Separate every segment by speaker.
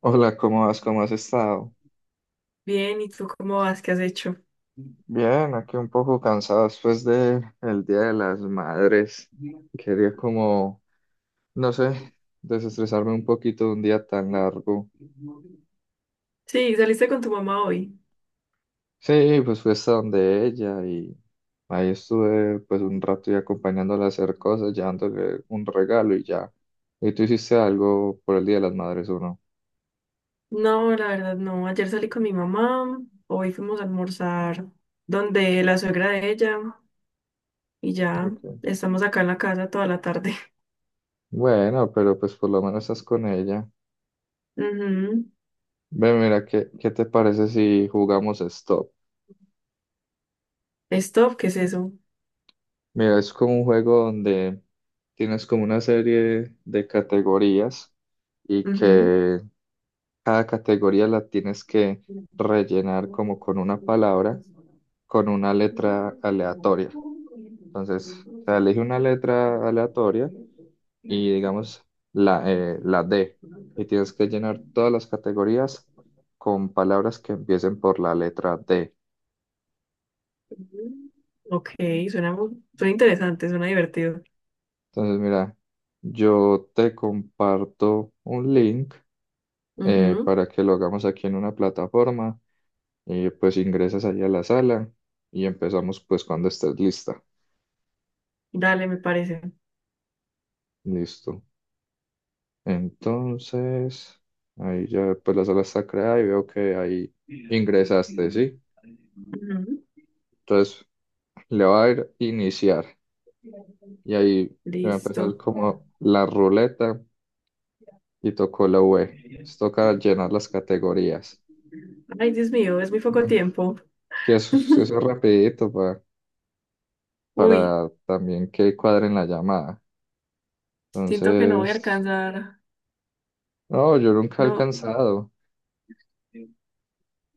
Speaker 1: Hola, ¿cómo vas? ¿Cómo has estado?
Speaker 2: Bien, ¿y tú cómo vas? ¿Qué has hecho?
Speaker 1: Bien, aquí un poco cansado después de el Día de las Madres. Quería como, no sé, desestresarme un poquito de un día tan largo.
Speaker 2: Sí, saliste con tu mamá hoy.
Speaker 1: Sí, pues fui hasta donde ella y ahí estuve pues un rato y acompañándola a hacer cosas, llevándole un regalo y ya. ¿Y tú hiciste algo por el Día de las Madres o no?
Speaker 2: No, la verdad no. Ayer salí con mi mamá, hoy fuimos a almorzar donde la suegra de ella y ya
Speaker 1: Ok.
Speaker 2: estamos acá en la casa toda la tarde.
Speaker 1: Bueno, pero pues por lo menos estás con ella.
Speaker 2: Ujú.
Speaker 1: Ve, mira, ¿qué te parece si jugamos stop?
Speaker 2: Stop, ¿qué es eso?
Speaker 1: Mira, es como un juego donde tienes como una serie de categorías y
Speaker 2: Ujú.
Speaker 1: que cada categoría la tienes que rellenar como con una palabra, con una letra aleatoria. Entonces, o sea, elige una letra aleatoria y digamos la D y tienes que llenar todas las categorías con palabras que empiecen por la letra D.
Speaker 2: Ok, suena, suena interesante, suena divertido.
Speaker 1: Entonces, mira, yo te comparto un link
Speaker 2: Ujú.
Speaker 1: para que lo hagamos aquí en una plataforma y pues ingresas ahí a la sala y empezamos pues cuando estés lista.
Speaker 2: Dale, me parece.
Speaker 1: Listo. Entonces, ahí ya pues la sala está creada y veo que ahí ingresaste, ¿sí?
Speaker 2: Ujú.
Speaker 1: Entonces le va a ir iniciar y ahí va a empezar
Speaker 2: Listo.
Speaker 1: como la ruleta y tocó la V. Entonces, toca llenar las categorías.
Speaker 2: Ay, Dios mío, es muy poco
Speaker 1: Ujú.
Speaker 2: tiempo.
Speaker 1: Sí, eso es rapidito
Speaker 2: Uy,
Speaker 1: para también que cuadren la llamada.
Speaker 2: siento que no voy a
Speaker 1: Entonces,
Speaker 2: alcanzar.
Speaker 1: no, yo nunca he
Speaker 2: No.
Speaker 1: alcanzado.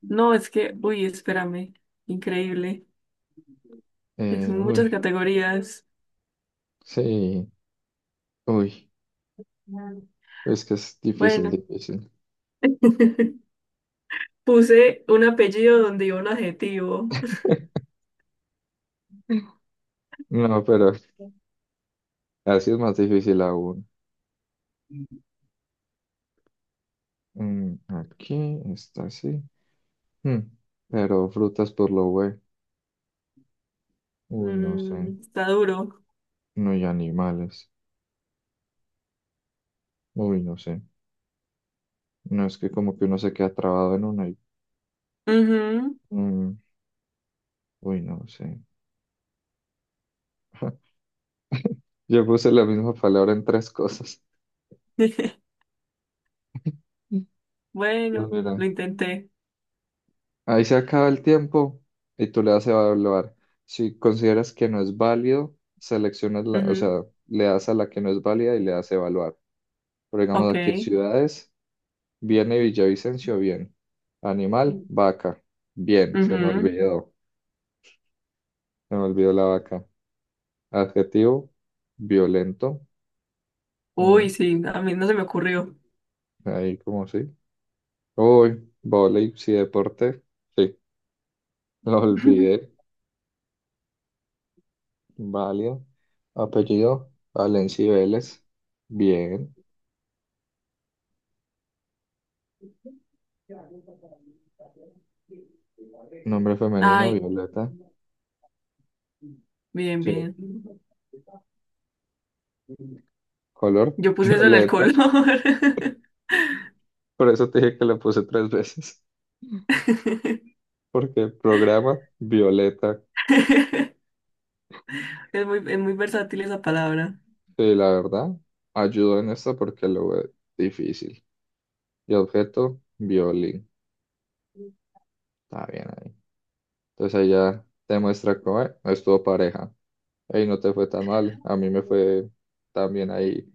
Speaker 2: No, es que, uy, espérame, increíble. Son
Speaker 1: Uy,
Speaker 2: muchas categorías.
Speaker 1: sí, uy, es que es difícil,
Speaker 2: Bueno,
Speaker 1: difícil.
Speaker 2: puse un apellido donde iba un adjetivo.
Speaker 1: No, pero así es más difícil aún. Aquí está así. Mm, pero frutas por lo güey. Uy, no sé.
Speaker 2: Está duro.
Speaker 1: No, y animales. Uy, no sé. No es que como que uno se queda trabado en una y...
Speaker 2: Ujú.
Speaker 1: mm, uy, no sé. Yo puse la misma palabra en tres cosas. Mm. Pues
Speaker 2: Bueno,
Speaker 1: mira.
Speaker 2: lo intenté.
Speaker 1: Ahí se acaba el tiempo y tú le das a evaluar. Si consideras que no es válido, seleccionas la, o
Speaker 2: Ujú.
Speaker 1: sea, le das a la que no es válida y le das a evaluar. Pero digamos
Speaker 2: Ok.
Speaker 1: aquí ciudades, viene Villavicencio, bien. Animal, vaca, bien.
Speaker 2: Ujú.
Speaker 1: Se me olvidó la vaca. Adjetivo, violento.
Speaker 2: Uy,
Speaker 1: Mm,
Speaker 2: sí, a mí no se me ocurrió.
Speaker 1: Ahí como sí. Uy, vóley, sí, deporte. Sí, lo olvidé. Válido. Apellido, Valencia y Vélez. Bien. Nombre femenino,
Speaker 2: Ay,
Speaker 1: Violeta.
Speaker 2: bien,
Speaker 1: Sí.
Speaker 2: bien.
Speaker 1: Color,
Speaker 2: Yo puse eso en el color.
Speaker 1: Violeta. Por eso te dije que la puse tres veces. Porque programa, Violeta.
Speaker 2: Es muy versátil esa palabra.
Speaker 1: Sí, la verdad, ayudó en esto porque lo ve difícil. Y objeto, violín. Está bien ahí. Entonces ahí ya te muestra cómo es. No estuvo pareja. Ahí no te fue tan mal. A mí me fue también ahí.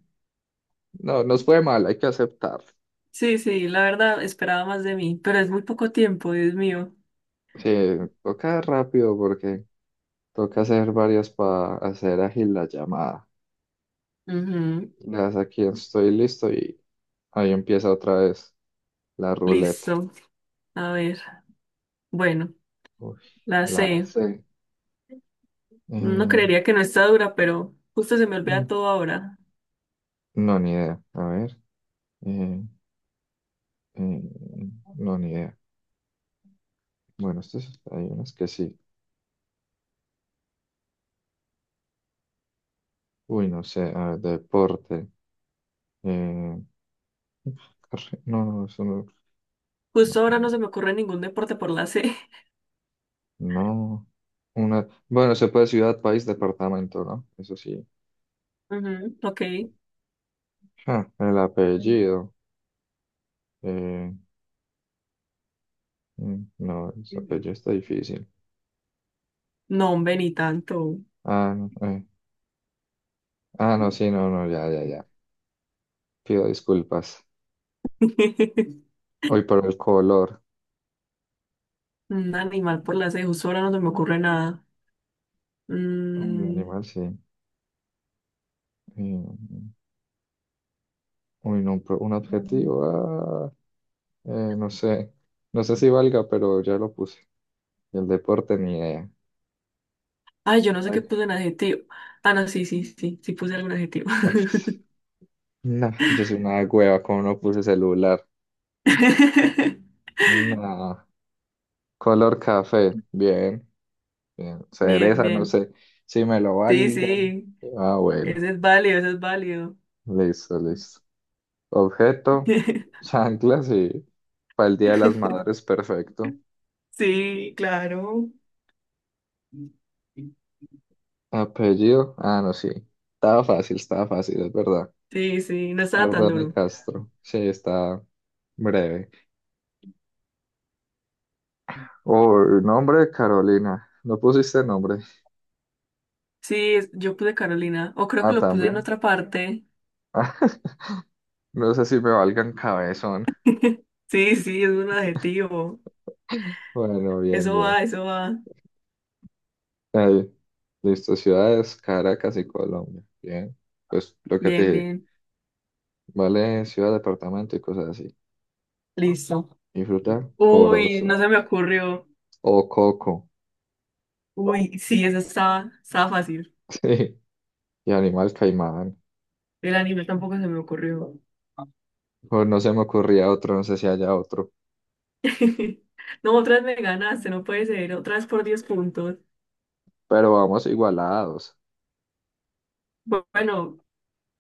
Speaker 1: No, nos fue mal, hay que aceptar.
Speaker 2: Sí, sí, la verdad esperaba más de mí, pero es muy poco tiempo, Dios mío.
Speaker 1: Sí, toca rápido porque toca hacer varias para hacer ágil la llamada.
Speaker 2: Ujú.
Speaker 1: Das aquí estoy listo y ahí empieza otra vez la ruleta.
Speaker 2: Listo. A ver, bueno,
Speaker 1: Uy,
Speaker 2: la
Speaker 1: la
Speaker 2: C.
Speaker 1: C.
Speaker 2: No
Speaker 1: Eh,
Speaker 2: creería que no está dura, pero justo se me olvida
Speaker 1: mm,
Speaker 2: todo ahora.
Speaker 1: no, ni idea. A ver. eh, eh, no, ni idea. Bueno, estos hay unas que sí. Uy, no sé. A ver, deporte. eh, no, no, eso no.
Speaker 2: Justo
Speaker 1: No.
Speaker 2: ahora no se me ocurre ningún deporte por la C.
Speaker 1: No. Una, bueno, se puede ciudad, país, departamento, ¿no? Eso sí.
Speaker 2: Ujú. Ok.
Speaker 1: Ja, el apellido. eh, no, ese apellido está difícil.
Speaker 2: No, hombre, ni tanto.
Speaker 1: Ah, no. Ah, no, sí, no, no, ya, ya, ya. Pido disculpas. Hoy por el color.
Speaker 2: Un animal por la C, justo ahora no se me ocurre nada.
Speaker 1: Uy,
Speaker 2: Mm,
Speaker 1: animal, sí. Eh, Uy, no, pero un adjetivo. No sé. No sé si valga, pero ya lo puse. Y el deporte, ni idea.
Speaker 2: Ay, yo no sé qué
Speaker 1: Like,
Speaker 2: puse en adjetivo. Ah, no, sí, sí, sí, sí puse algún adjetivo.
Speaker 1: ups, no, yo soy una hueva, como no puse celular. No. Color café, bien, bien.
Speaker 2: Bien,
Speaker 1: Cereza, no
Speaker 2: bien.
Speaker 1: sé. Si me lo
Speaker 2: Sí,
Speaker 1: valgan.
Speaker 2: sí.
Speaker 1: Ah, bueno.
Speaker 2: Eso es válido, eso es válido.
Speaker 1: Listo, listo. Objeto, chanclas y para el Día de las Madres, perfecto.
Speaker 2: Sí, claro.
Speaker 1: Apellido, ah, no, sí. Estaba fácil, es verdad.
Speaker 2: Sí, sí, no estaba tan
Speaker 1: Ardane
Speaker 2: duro.
Speaker 1: Castro, sí, está breve. O nombre, Carolina. No pusiste nombre.
Speaker 2: Sí, yo puse Carolina, o creo que
Speaker 1: Ah,
Speaker 2: lo puse en
Speaker 1: también.
Speaker 2: otra parte.
Speaker 1: Ah, no sé si me valgan cabezón.
Speaker 2: Sí, sí, es un adjetivo.
Speaker 1: Bueno, bien,
Speaker 2: Eso
Speaker 1: bien.
Speaker 2: va, eso va.
Speaker 1: Ahí. Listo, ciudades, Caracas y Colombia. Bien. Pues lo que te
Speaker 2: Bien,
Speaker 1: dije,
Speaker 2: bien.
Speaker 1: vale ciudad, departamento y cosas así.
Speaker 2: Listo.
Speaker 1: Y fruta,
Speaker 2: Uy,
Speaker 1: corozo.
Speaker 2: no se me ocurrió.
Speaker 1: O coco.
Speaker 2: Uy, sí, eso estaba fácil.
Speaker 1: Sí. Y animal, caimán.
Speaker 2: El anime tampoco se me ocurrió.
Speaker 1: O no se me ocurría otro, no sé si haya otro.
Speaker 2: No, otra vez me ganaste, no puede ser. Otra vez por 10 puntos.
Speaker 1: Pero vamos igualados.
Speaker 2: Bueno,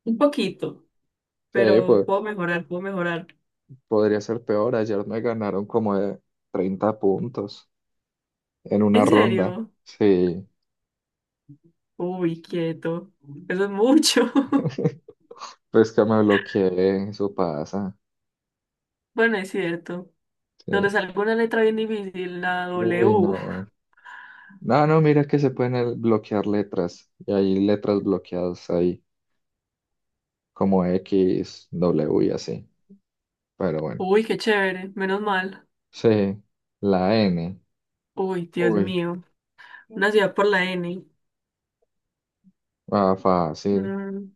Speaker 2: un poquito.
Speaker 1: Sí,
Speaker 2: Pero
Speaker 1: pues
Speaker 2: puedo mejorar, puedo mejorar.
Speaker 1: podría ser peor. Ayer me ganaron como de 30 puntos en una
Speaker 2: ¿En
Speaker 1: ronda.
Speaker 2: serio?
Speaker 1: Sí,
Speaker 2: Uy, quieto. Eso es mucho.
Speaker 1: pues que me bloqueé, eso pasa.
Speaker 2: Bueno, es cierto. Donde
Speaker 1: Sí.
Speaker 2: salga una letra bien difícil, la
Speaker 1: Uy,
Speaker 2: W.
Speaker 1: no. No, no, mira que se pueden bloquear letras. Y hay letras bloqueadas ahí, como X, W y así. Pero bueno.
Speaker 2: Uy, qué chévere, menos mal.
Speaker 1: Sí, la N.
Speaker 2: Uy, Dios
Speaker 1: Uy,
Speaker 2: mío. Una ciudad por la N.
Speaker 1: ah, fácil.
Speaker 2: Mm,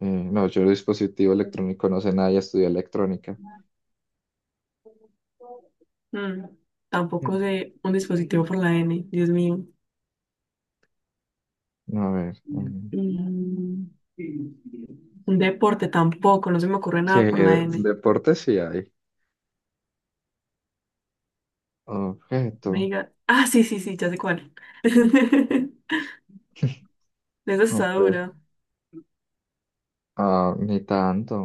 Speaker 1: Eh, no, yo de dispositivo electrónico no sé nada, ya estudié electrónica.
Speaker 2: mm. Tampoco
Speaker 1: Mm.
Speaker 2: sé un dispositivo por la N, Dios mío.
Speaker 1: A ver.
Speaker 2: Mm, un deporte tampoco, no se me ocurre
Speaker 1: Sí,
Speaker 2: nada por la N.
Speaker 1: deporte sí hay. Objeto.
Speaker 2: Venga. Ah, sí, sí, sí, ya sé cuál. Esa está
Speaker 1: Ope-
Speaker 2: dura.
Speaker 1: Ah, ni tanto.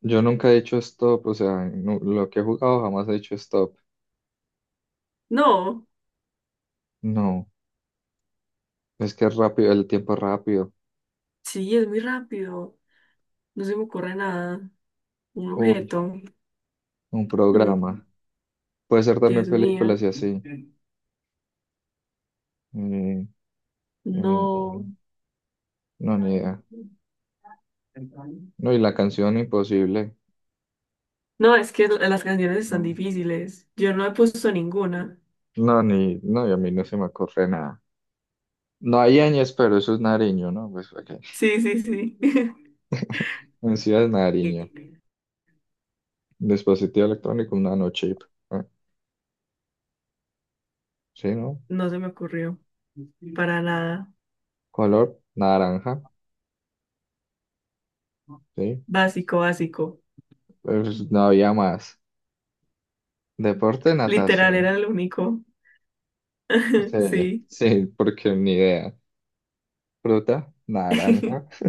Speaker 1: Yo nunca he dicho stop, o sea, lo que he jugado jamás he dicho stop.
Speaker 2: No,
Speaker 1: No, es que es rápido, el tiempo es rápido.
Speaker 2: sí, es muy rápido. No se me ocurre nada. Un
Speaker 1: Uy,
Speaker 2: objeto.
Speaker 1: un
Speaker 2: Mm,
Speaker 1: programa. Puede ser también
Speaker 2: Dios
Speaker 1: películas
Speaker 2: mío.
Speaker 1: y así. Mm, mm,
Speaker 2: No.
Speaker 1: no, ni idea. No, y la canción imposible.
Speaker 2: No, es que las canciones están
Speaker 1: No,
Speaker 2: difíciles. Yo no he puesto ninguna.
Speaker 1: no, ni, no, y a mí no se me ocurre nada. No hay ñes, pero eso es Nariño, ¿no? Pues ok.
Speaker 2: Sí, sí, sí.
Speaker 1: En sí es
Speaker 2: Y
Speaker 1: Nariño. Dispositivo electrónico, un nanochip. Ah, sí, ¿no?
Speaker 2: no se me ocurrió. Para nada.
Speaker 1: Color, naranja. Sí.
Speaker 2: Básico, básico.
Speaker 1: Pues no había más. Deporte,
Speaker 2: Literal
Speaker 1: natación.
Speaker 2: era el único.
Speaker 1: Sí,
Speaker 2: Sí.
Speaker 1: sí, porque ni idea. Fruta, naranja.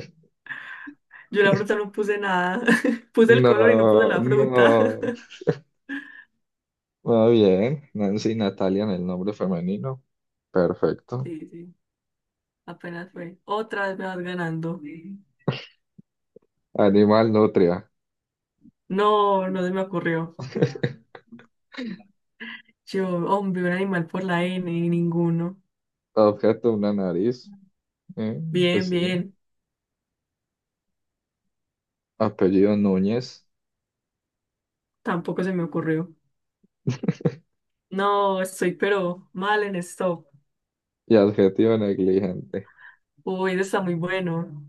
Speaker 2: Yo la fruta no puse nada. Puse el
Speaker 1: No,
Speaker 2: color y no puse la fruta.
Speaker 1: no. Muy bien. Nancy Natalia en el nombre femenino. Perfecto.
Speaker 2: Sí, sí. Apenas fue. Otra vez me vas ganando.
Speaker 1: Animal, nutria.
Speaker 2: No, no se me ocurrió. Yo, hombre, un animal por la N, ninguno.
Speaker 1: Objeto, una nariz. Eh, pues
Speaker 2: Bien,
Speaker 1: sí.
Speaker 2: bien.
Speaker 1: Apellido, Núñez.
Speaker 2: Tampoco se me ocurrió. No, estoy pero mal en esto.
Speaker 1: Y adjetivo, negligente.
Speaker 2: Uy, eso está muy bueno.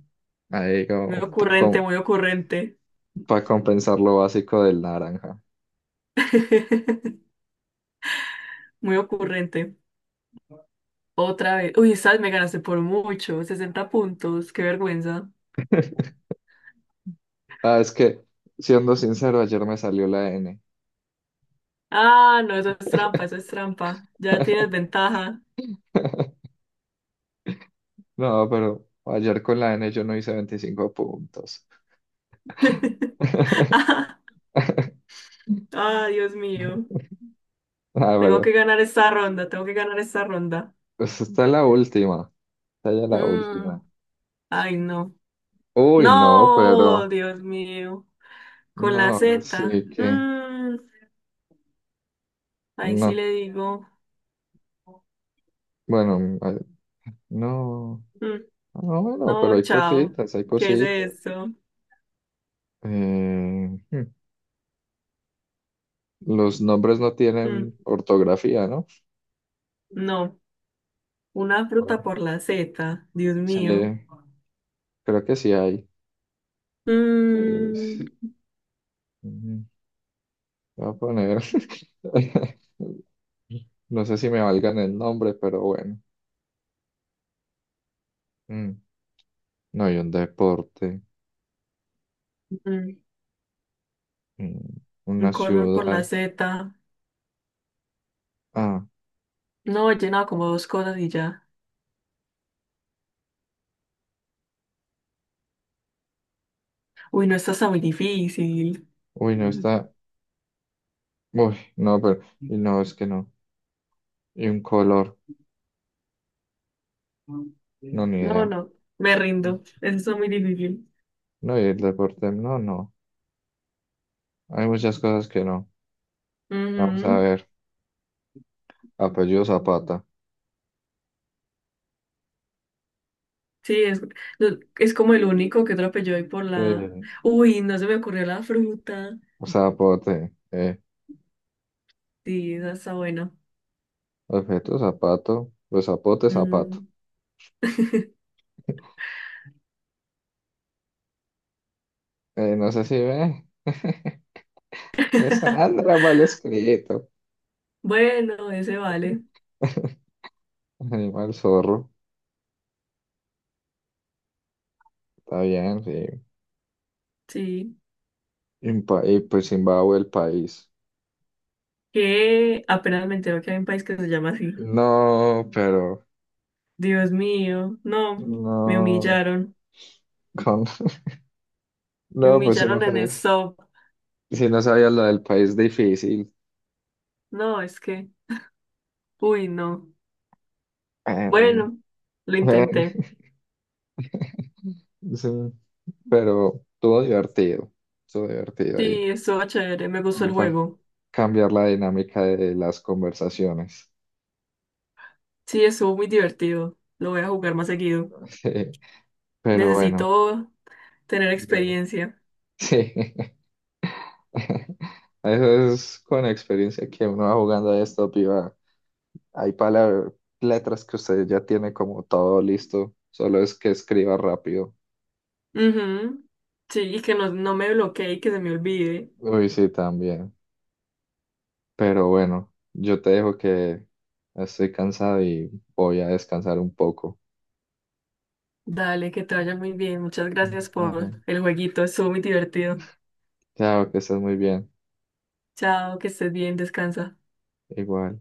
Speaker 1: Ahí
Speaker 2: Muy ocurrente,
Speaker 1: como
Speaker 2: muy ocurrente.
Speaker 1: para compensar lo básico del naranja.
Speaker 2: Muy ocurrente. Otra vez. Uy, sabes me ganaste por mucho. 60 puntos. Qué vergüenza.
Speaker 1: Ah, es que, siendo sincero, ayer me salió la N.
Speaker 2: Ah, no, eso es trampa, eso es trampa. Ya tienes ventaja.
Speaker 1: No, pero ayer con la N yo no hice 25 puntos.
Speaker 2: Ah, ah, Dios mío.
Speaker 1: A
Speaker 2: Tengo que
Speaker 1: ver,
Speaker 2: ganar esta ronda, tengo que ganar esta ronda.
Speaker 1: pues está la última. Está ya la última.
Speaker 2: Mm, ay, no.
Speaker 1: Uy, no,
Speaker 2: No,
Speaker 1: pero
Speaker 2: Dios mío. Con
Speaker 1: no,
Speaker 2: la
Speaker 1: ahora sí
Speaker 2: Z.
Speaker 1: que
Speaker 2: Ahí sí
Speaker 1: no.
Speaker 2: le digo.
Speaker 1: Bueno, no.
Speaker 2: mm,
Speaker 1: No, bueno, pero
Speaker 2: no,
Speaker 1: hay
Speaker 2: chao.
Speaker 1: cositas, hay
Speaker 2: ¿Qué es
Speaker 1: cositas.
Speaker 2: esto?
Speaker 1: Eh, hmm, los nombres no
Speaker 2: Mm,
Speaker 1: tienen ortografía, ¿no?
Speaker 2: no. Una
Speaker 1: Bueno,
Speaker 2: fruta por la Z. Dios
Speaker 1: sí,
Speaker 2: mío.
Speaker 1: creo que sí hay. Es-
Speaker 2: Mm,
Speaker 1: mm, Voy a poner. No sé si me valgan el nombre, pero bueno. Mm, No hay un deporte,
Speaker 2: mm,
Speaker 1: mm,
Speaker 2: un
Speaker 1: una
Speaker 2: color por la
Speaker 1: ciudad.
Speaker 2: Z.
Speaker 1: Ah,
Speaker 2: No, he llenado como dos cosas y ya. Uy, no, esto está muy difícil.
Speaker 1: uy, no está. Uy, no, pero. Y no, es que no. Y un color, no, ni
Speaker 2: No,
Speaker 1: idea.
Speaker 2: no, me rindo. Eso está muy difícil.
Speaker 1: No, y el deporte, no, no. Hay muchas cosas que no. Vamos a
Speaker 2: Ujú.
Speaker 1: ver. Apellido Zapata.
Speaker 2: Sí, es, no, es como el único que atropelló hoy por la.
Speaker 1: Sí.
Speaker 2: Uy, no se me ocurrió la fruta.
Speaker 1: Zapote.
Speaker 2: Sí, esa está buena.
Speaker 1: Objeto Zapato. Pues Zapote, Zapato.
Speaker 2: Mm.
Speaker 1: No sé si ve. Pues Sandra, mal escrito.
Speaker 2: Bueno, ese vale.
Speaker 1: Animal zorro. Está bien, sí.
Speaker 2: Sí.
Speaker 1: Y pues Zimbabue, el país.
Speaker 2: Que apenas me entero que hay un país que se llama así.
Speaker 1: No, pero.
Speaker 2: Dios mío, no, me
Speaker 1: No.
Speaker 2: humillaron.
Speaker 1: Con-
Speaker 2: Me
Speaker 1: No, pues si no
Speaker 2: humillaron en el
Speaker 1: sabes.
Speaker 2: SOP.
Speaker 1: Si no sabías lo del país difícil.
Speaker 2: No, es que, uy, no.
Speaker 1: Bueno,
Speaker 2: Bueno, lo
Speaker 1: bueno,
Speaker 2: intenté.
Speaker 1: sí. Pero estuvo divertido. Estuvo divertido ahí.
Speaker 2: Sí, estuvo chévere, me gustó el
Speaker 1: Va a
Speaker 2: juego.
Speaker 1: cambiar la dinámica de las conversaciones.
Speaker 2: Sí, estuvo muy divertido. Lo voy a jugar más seguido.
Speaker 1: Sí, pero bueno,
Speaker 2: Necesito tener
Speaker 1: bien.
Speaker 2: experiencia.
Speaker 1: Sí. Eso es con experiencia que uno va jugando a esto, piba. Hay palabras, letras que usted ya tiene como todo listo, solo es que escriba rápido.
Speaker 2: Ujú. Sí, y que no, no me bloquee y que se me olvide.
Speaker 1: Uy, sí, también. Pero bueno, yo te dejo que estoy cansado y voy a descansar un poco.
Speaker 2: Dale, que te vaya muy bien. Muchas
Speaker 1: Mm.
Speaker 2: gracias por
Speaker 1: Dale.
Speaker 2: el jueguito. Estuvo muy divertido.
Speaker 1: Chao, que estés muy bien.
Speaker 2: Chao, que estés bien, descansa.
Speaker 1: Igual.